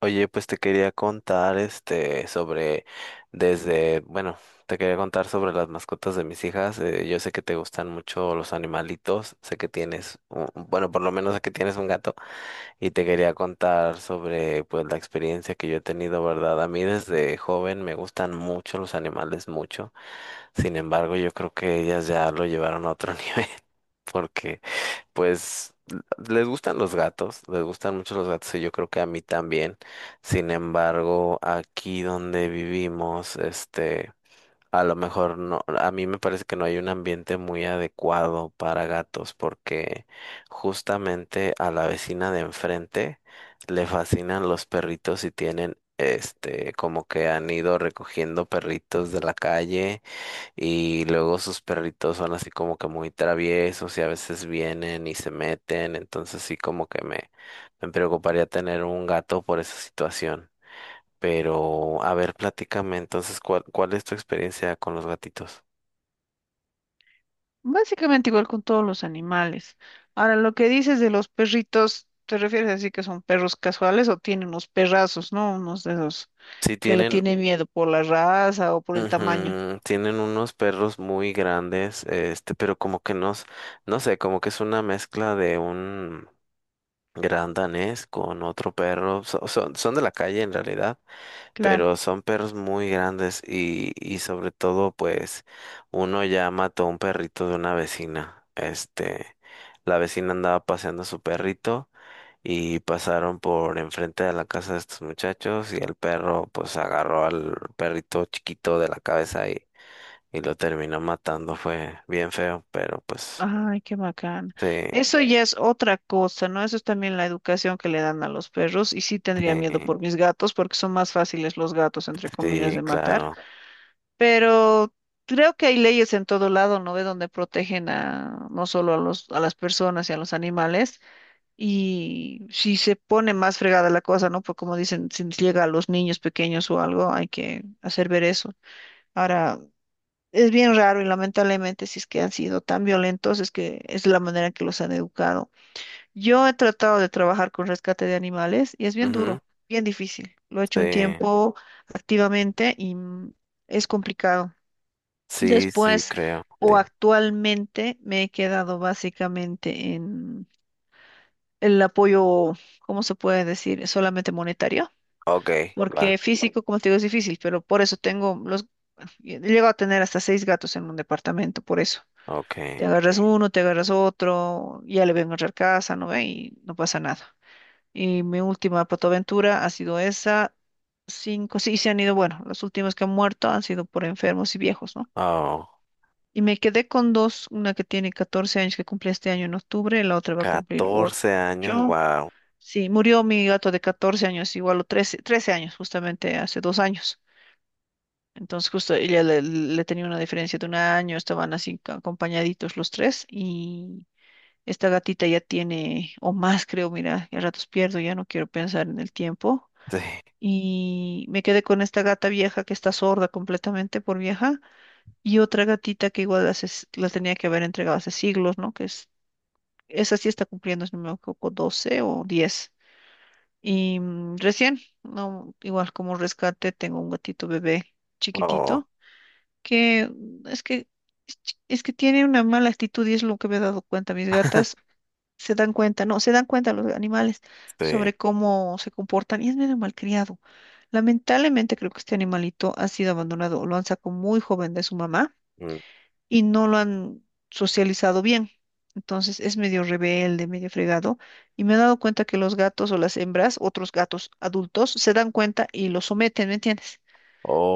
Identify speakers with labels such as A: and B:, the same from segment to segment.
A: Oye, pues te quería contar sobre desde, bueno, te quería contar sobre las mascotas de mis hijas. Yo sé que te gustan mucho los animalitos, sé que tienes, bueno, por lo menos sé que tienes un gato y te quería contar sobre pues la experiencia que yo he tenido, ¿verdad? A mí desde joven me gustan mucho los animales, mucho. Sin embargo, yo creo que ellas ya lo llevaron a otro nivel porque pues les gustan los gatos, les gustan mucho los gatos y yo creo que a mí también. Sin embargo, aquí donde vivimos, a lo mejor no, a mí me parece que no hay un ambiente muy adecuado para gatos porque justamente a la vecina de enfrente le fascinan los perritos y tienen, como que han ido recogiendo perritos de la calle y luego sus perritos son así como que muy traviesos y a veces vienen y se meten, entonces sí me preocuparía tener un gato por esa situación. Pero, a ver, platícame entonces, ¿cuál es tu experiencia con los gatitos?
B: Básicamente igual con todos los animales. Ahora, lo que dices de los perritos, ¿te refieres así que son perros casuales o tienen unos perrazos? ¿No? Unos de esos
A: Sí
B: que le
A: tienen,
B: tienen miedo por la raza o por el tamaño.
A: ujú, tienen unos perros muy grandes, pero como que no, no sé, como que es una mezcla de un gran danés con otro perro, son son de la calle en realidad,
B: Claro.
A: pero son perros muy grandes y sobre todo pues uno ya mató a un perrito de una vecina. Este, la vecina andaba paseando a su perrito y pasaron por enfrente de la casa de estos muchachos y el perro pues agarró al perrito chiquito de la cabeza y lo terminó matando. Fue bien feo, pero pues
B: Ay, qué bacán.
A: sí,
B: Eso ya es otra cosa, ¿no? Eso es también la educación que le dan a los perros. Y sí tendría miedo
A: sí,
B: por mis gatos, porque son más fáciles los gatos, entre comillas,
A: sí,
B: de matar.
A: claro.
B: Pero creo que hay leyes en todo lado, ¿no? De donde protegen a, no solo a los, a las personas y a los animales. Y si se pone más fregada la cosa, ¿no? Pues como dicen, si nos llega a los niños pequeños o algo, hay que hacer ver eso. Ahora, es bien raro y lamentablemente si es que han sido tan violentos, es que es la manera en que los han educado. Yo he tratado de trabajar con rescate de animales y es bien
A: Ujú,
B: duro, bien difícil. Lo he hecho un
A: sí,
B: tiempo activamente y es complicado.
A: sí, sí,
B: Después
A: creo.
B: o
A: Dime.
B: actualmente me he quedado básicamente el apoyo, ¿cómo se puede decir? Solamente monetario,
A: Ok, va,
B: porque físico, como te digo, es difícil, pero por eso tengo los, llego a tener hasta seis gatos en un departamento, por eso.
A: ok.
B: Te agarras uno, te agarras otro, ya le voy a encontrar casa, ¿no ve? Y no pasa nada. Y mi última patoaventura ha sido esa, cinco, sí, se han ido, bueno, los últimos que han muerto han sido por enfermos y viejos, ¿no?
A: Oh.
B: Y me quedé con dos, una que tiene 14 años que cumple este año en octubre, la otra va a cumplir
A: catorce
B: ocho.
A: años, wow.
B: Sí, murió mi gato de 14 años, igual o 13 años, justamente hace 2 años. Entonces, justo ella le, le tenía una diferencia de un año, estaban así acompañaditos los tres y esta gatita ya tiene, o más creo, mira, a ratos pierdo, ya no quiero pensar en el tiempo.
A: Sí,
B: Y me quedé con esta gata vieja que está sorda completamente por vieja y otra gatita que igual hace la tenía que haber entregado hace siglos, ¿no? Que es, esa sí está cumpliendo, si no me equivoco, 12 o 10. Y recién, no, igual como rescate, tengo un gatito bebé
A: oh,
B: chiquitito que es que es es que tiene una mala actitud y es lo que me he dado cuenta. Mis gatas se dan cuenta, no, se dan cuenta los animales
A: sí.
B: sobre cómo se comportan y es medio malcriado. Lamentablemente creo que este animalito ha sido abandonado, lo han sacado muy joven de su mamá
A: Mm.
B: y no lo han socializado bien. Entonces es medio rebelde, medio fregado. Y me he dado cuenta que los gatos o las hembras, otros gatos adultos, se dan cuenta y lo someten, ¿me entiendes?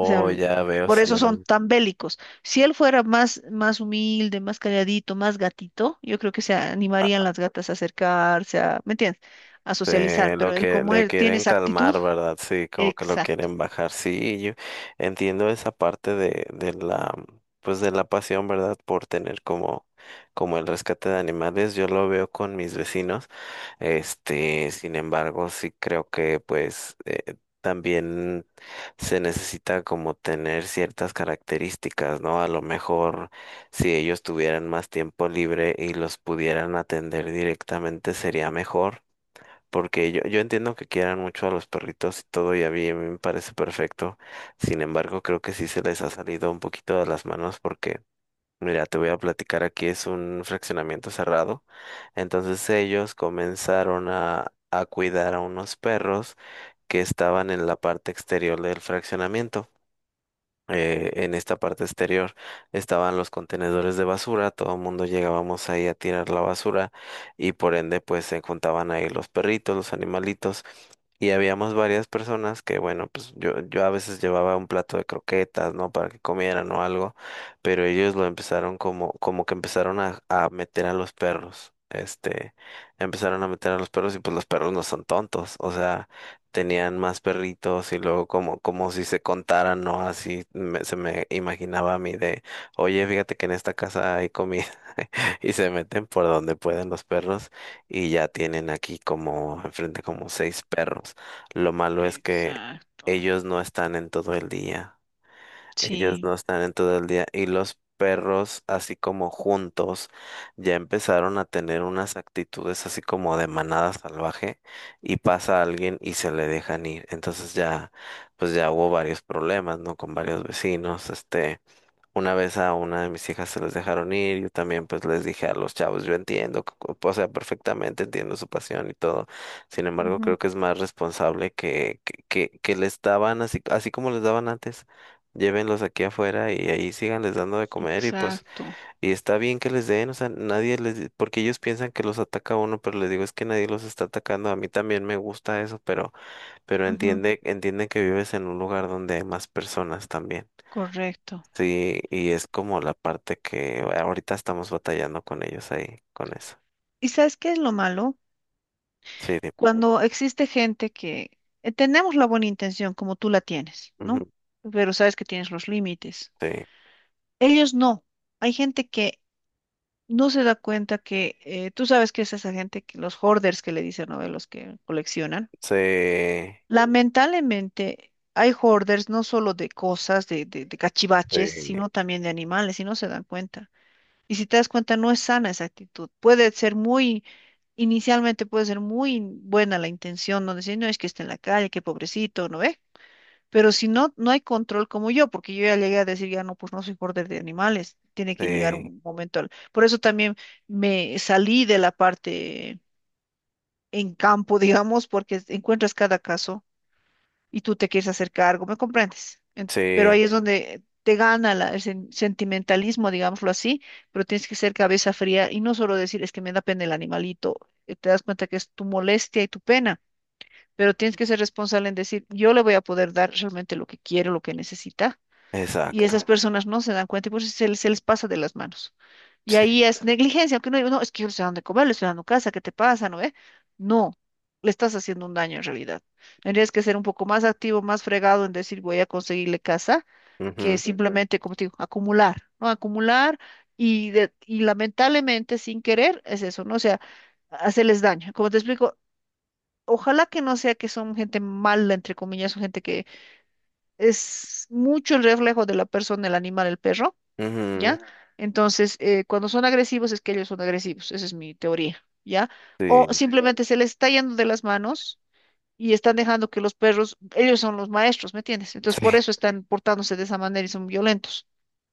B: O sea,
A: ya veo,
B: por eso son
A: sí.
B: tan bélicos. Si él fuera más, más humilde, más calladito, más gatito, yo creo que se animarían las gatas a acercarse, a, ¿me entiendes? A
A: Sí,
B: socializar.
A: lo
B: Pero él,
A: que
B: como
A: le
B: él tiene
A: quieren
B: esa actitud,
A: calmar, ¿verdad? Sí, como que lo
B: exacto.
A: quieren bajar. Sí, yo entiendo esa parte de la, pues de la pasión, ¿verdad? Por tener como, como el rescate de animales. Yo lo veo con mis vecinos. Este, sin embargo, sí creo que pues también se necesita como tener ciertas características, ¿no? A lo mejor si ellos tuvieran más tiempo libre y los pudieran atender directamente sería mejor porque yo entiendo que quieran mucho a los perritos y todo, y a mí me parece perfecto. Sin embargo, creo que sí se les ha salido un poquito de las manos porque, mira, te voy a platicar aquí, es un fraccionamiento cerrado. Entonces ellos comenzaron a cuidar a unos perros que estaban en la parte exterior del fraccionamiento, en esta parte exterior estaban los contenedores de basura, todo el mundo llegábamos ahí a tirar la basura y por ende pues se juntaban ahí los perritos, los animalitos, y habíamos varias personas que bueno, pues yo a veces llevaba un plato de croquetas, ¿no? Para que comieran o algo, pero ellos lo empezaron como, como que empezaron a meter a los perros. Este, empezaron a meter a los perros y pues los perros no son tontos, o sea, tenían más perritos y luego como, como si se contaran, ¿no? Así se me imaginaba a mí de, oye, fíjate que en esta casa hay comida y se meten por donde pueden los perros y ya tienen aquí como enfrente como 6 perros. Lo malo es que
B: Exacto.
A: ellos no están en todo el día. Ellos
B: Sí.
A: no están en todo el día y los perros, así como juntos, ya empezaron a tener unas actitudes así como de manada salvaje y pasa alguien y se le dejan ir. Entonces ya, pues ya hubo varios problemas, ¿no? Con varios vecinos, este. Una vez a una de mis hijas se les dejaron ir, yo también pues les dije a los chavos, yo entiendo, o sea, perfectamente entiendo su pasión y todo. Sin embargo, creo
B: Ujú,
A: que es más responsable que les daban así, así como les daban antes. Llévenlos aquí afuera y ahí síganles dando de comer y pues,
B: exacto.
A: y está bien que les den, o sea, nadie les, porque ellos piensan que los ataca uno, pero les digo es que nadie los está atacando. A mí también me gusta eso, pero
B: Ujú.
A: entiende, entiende que vives en un lugar donde hay más personas también.
B: Correcto.
A: Sí, y es como la parte que ahorita estamos batallando con ellos ahí, con eso.
B: ¿Y sabes qué es lo malo?
A: Sí, di-
B: Cuando existe gente que tenemos la buena intención como tú la tienes, ¿no?
A: ujú,
B: Pero sabes que tienes los límites.
A: sí,
B: Ellos no. Hay gente que no se da cuenta que tú sabes que es esa gente que los hoarders que le dicen, ¿no? De los que coleccionan.
A: sí,
B: Lamentablemente hay hoarders no solo de cosas, de cachivaches,
A: sí,
B: sino también de animales y no se dan cuenta. Y si te das cuenta, no es sana esa actitud. Puede ser muy, inicialmente puede ser muy buena la intención, no decir, no es que esté en la calle, qué pobrecito, ¿no ve? Pero si no, no hay control como yo, porque yo ya llegué a decir, ya no, pues no soy border de animales, tiene que llegar
A: sí,
B: un momento. Por eso también me salí de la parte en campo, digamos, porque encuentras cada caso y tú te quieres hacer cargo, ¿me comprendes? Pero
A: sí,
B: ahí es donde te gana el sentimentalismo, digámoslo así, pero tienes que ser cabeza fría y no solo decir es que me da pena el animalito, te das cuenta que es tu molestia y tu pena, pero tienes que ser responsable en decir yo le voy a poder dar realmente lo que quiere, lo que necesita y
A: exacto,
B: esas personas no se dan cuenta y por eso se les pasa de las manos. Y
A: sí,
B: ahí es negligencia, aunque no digo, no, es que yo le estoy dando de comer, le estoy dando casa, ¿qué te pasa? ¿No ve? No, le estás haciendo un daño en realidad. Tendrías que ser un poco más activo, más fregado en decir voy a conseguirle casa, que
A: ujú,
B: simplemente, como te digo, acumular, ¿no? Acumular y, y lamentablemente sin querer es eso, ¿no? O sea, hacerles daño. Como te explico, ojalá que no sea que son gente mala, entre comillas, o gente que es mucho el reflejo de la persona, el animal, el perro,
A: ujú,
B: ¿ya? Entonces, cuando son agresivos es que ellos son agresivos, esa es mi teoría, ¿ya? O
A: sí,
B: simplemente se les está yendo de las manos y están dejando que los perros, ellos son los maestros, ¿me entiendes? Entonces,
A: sí,
B: por eso están portándose de esa manera y son violentos.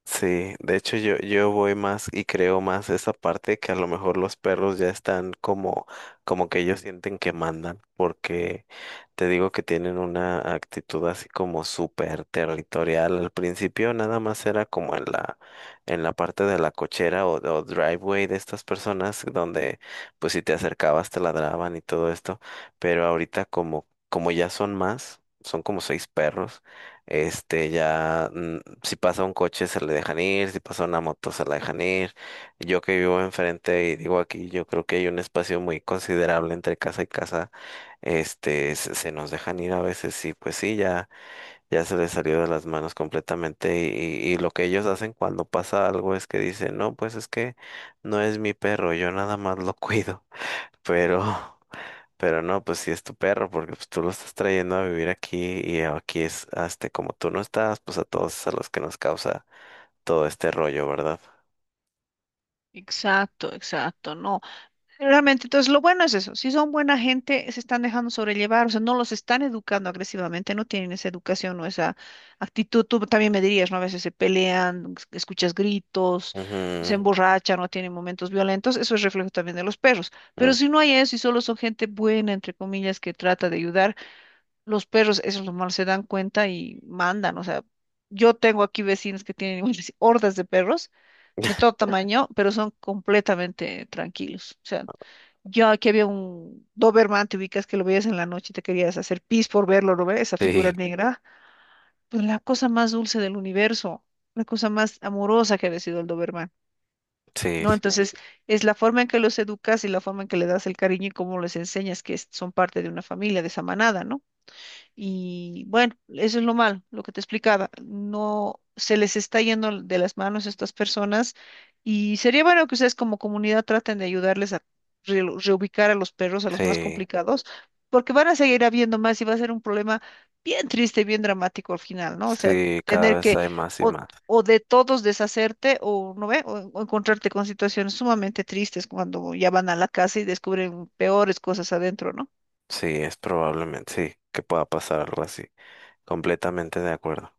A: sí, de hecho yo voy más y creo más esa parte que a lo mejor los perros ya están como, como que ellos sienten que mandan, porque te digo que tienen una actitud así como súper territorial. Al principio nada más era como en la parte de la cochera o driveway de estas personas donde pues si te acercabas te ladraban y todo esto, pero ahorita como, como ya son más, son como 6 perros. Este, ya, mm, si pasa un coche se le dejan ir, si pasa una moto se la dejan ir. Yo que vivo enfrente y digo aquí, yo creo que hay un espacio muy considerable entre casa y casa. Este, se nos dejan ir a veces y pues sí, ya, ya se les salió de las manos completamente y lo que ellos hacen cuando pasa algo es que dicen, no, pues es que no es mi perro, yo nada más lo cuido, pero... Pero no, pues sí es tu perro, porque pues, tú lo estás trayendo a vivir aquí y aquí es, este, como tú no estás, pues a todos es a los que nos causa todo este rollo, ¿verdad?
B: Exacto, exacto, no. Realmente, entonces lo bueno es eso, si son buena gente, se están dejando sobrellevar, o sea, no los están educando agresivamente, no tienen esa educación o esa actitud, tú también me dirías, ¿no? A veces se pelean, escuchas gritos, se
A: Ujú,
B: emborrachan, no tienen momentos violentos, eso es reflejo también de los perros, pero
A: mm,
B: si no hay eso y solo son gente buena, entre comillas, que trata de ayudar, los perros, eso es lo malo, se dan cuenta y mandan, o sea, yo tengo aquí vecinos que tienen hordas de perros de todo tamaño, pero son completamente tranquilos, o sea. Yo aquí había un Doberman, te ubicas que lo veías en la noche y te querías hacer pis por verlo, ¿no ves? Esa
A: sí,
B: figura negra. Pues la cosa más dulce del universo, la cosa más amorosa que ha sido el Doberman,
A: sí,
B: ¿no? Entonces, es la forma en que los educas y la forma en que le das el cariño y cómo les enseñas que son parte de una familia, de esa manada, ¿no? Y bueno, eso es lo malo, lo que te explicaba. No se les está yendo de las manos a estas personas y sería bueno que ustedes como comunidad traten de ayudarles a reubicar a los perros, a los más
A: sí,
B: complicados, porque van a seguir habiendo más y va a ser un problema bien triste, bien dramático al final, ¿no? O sea,
A: sí, cada
B: tener
A: vez
B: que
A: hay más y
B: o,
A: más.
B: o de todos deshacerte o no ve, o encontrarte con situaciones sumamente tristes cuando ya van a la casa y descubren peores cosas adentro, ¿no?
A: Sí, es probablemente, sí, que pueda pasar algo así. Completamente de acuerdo.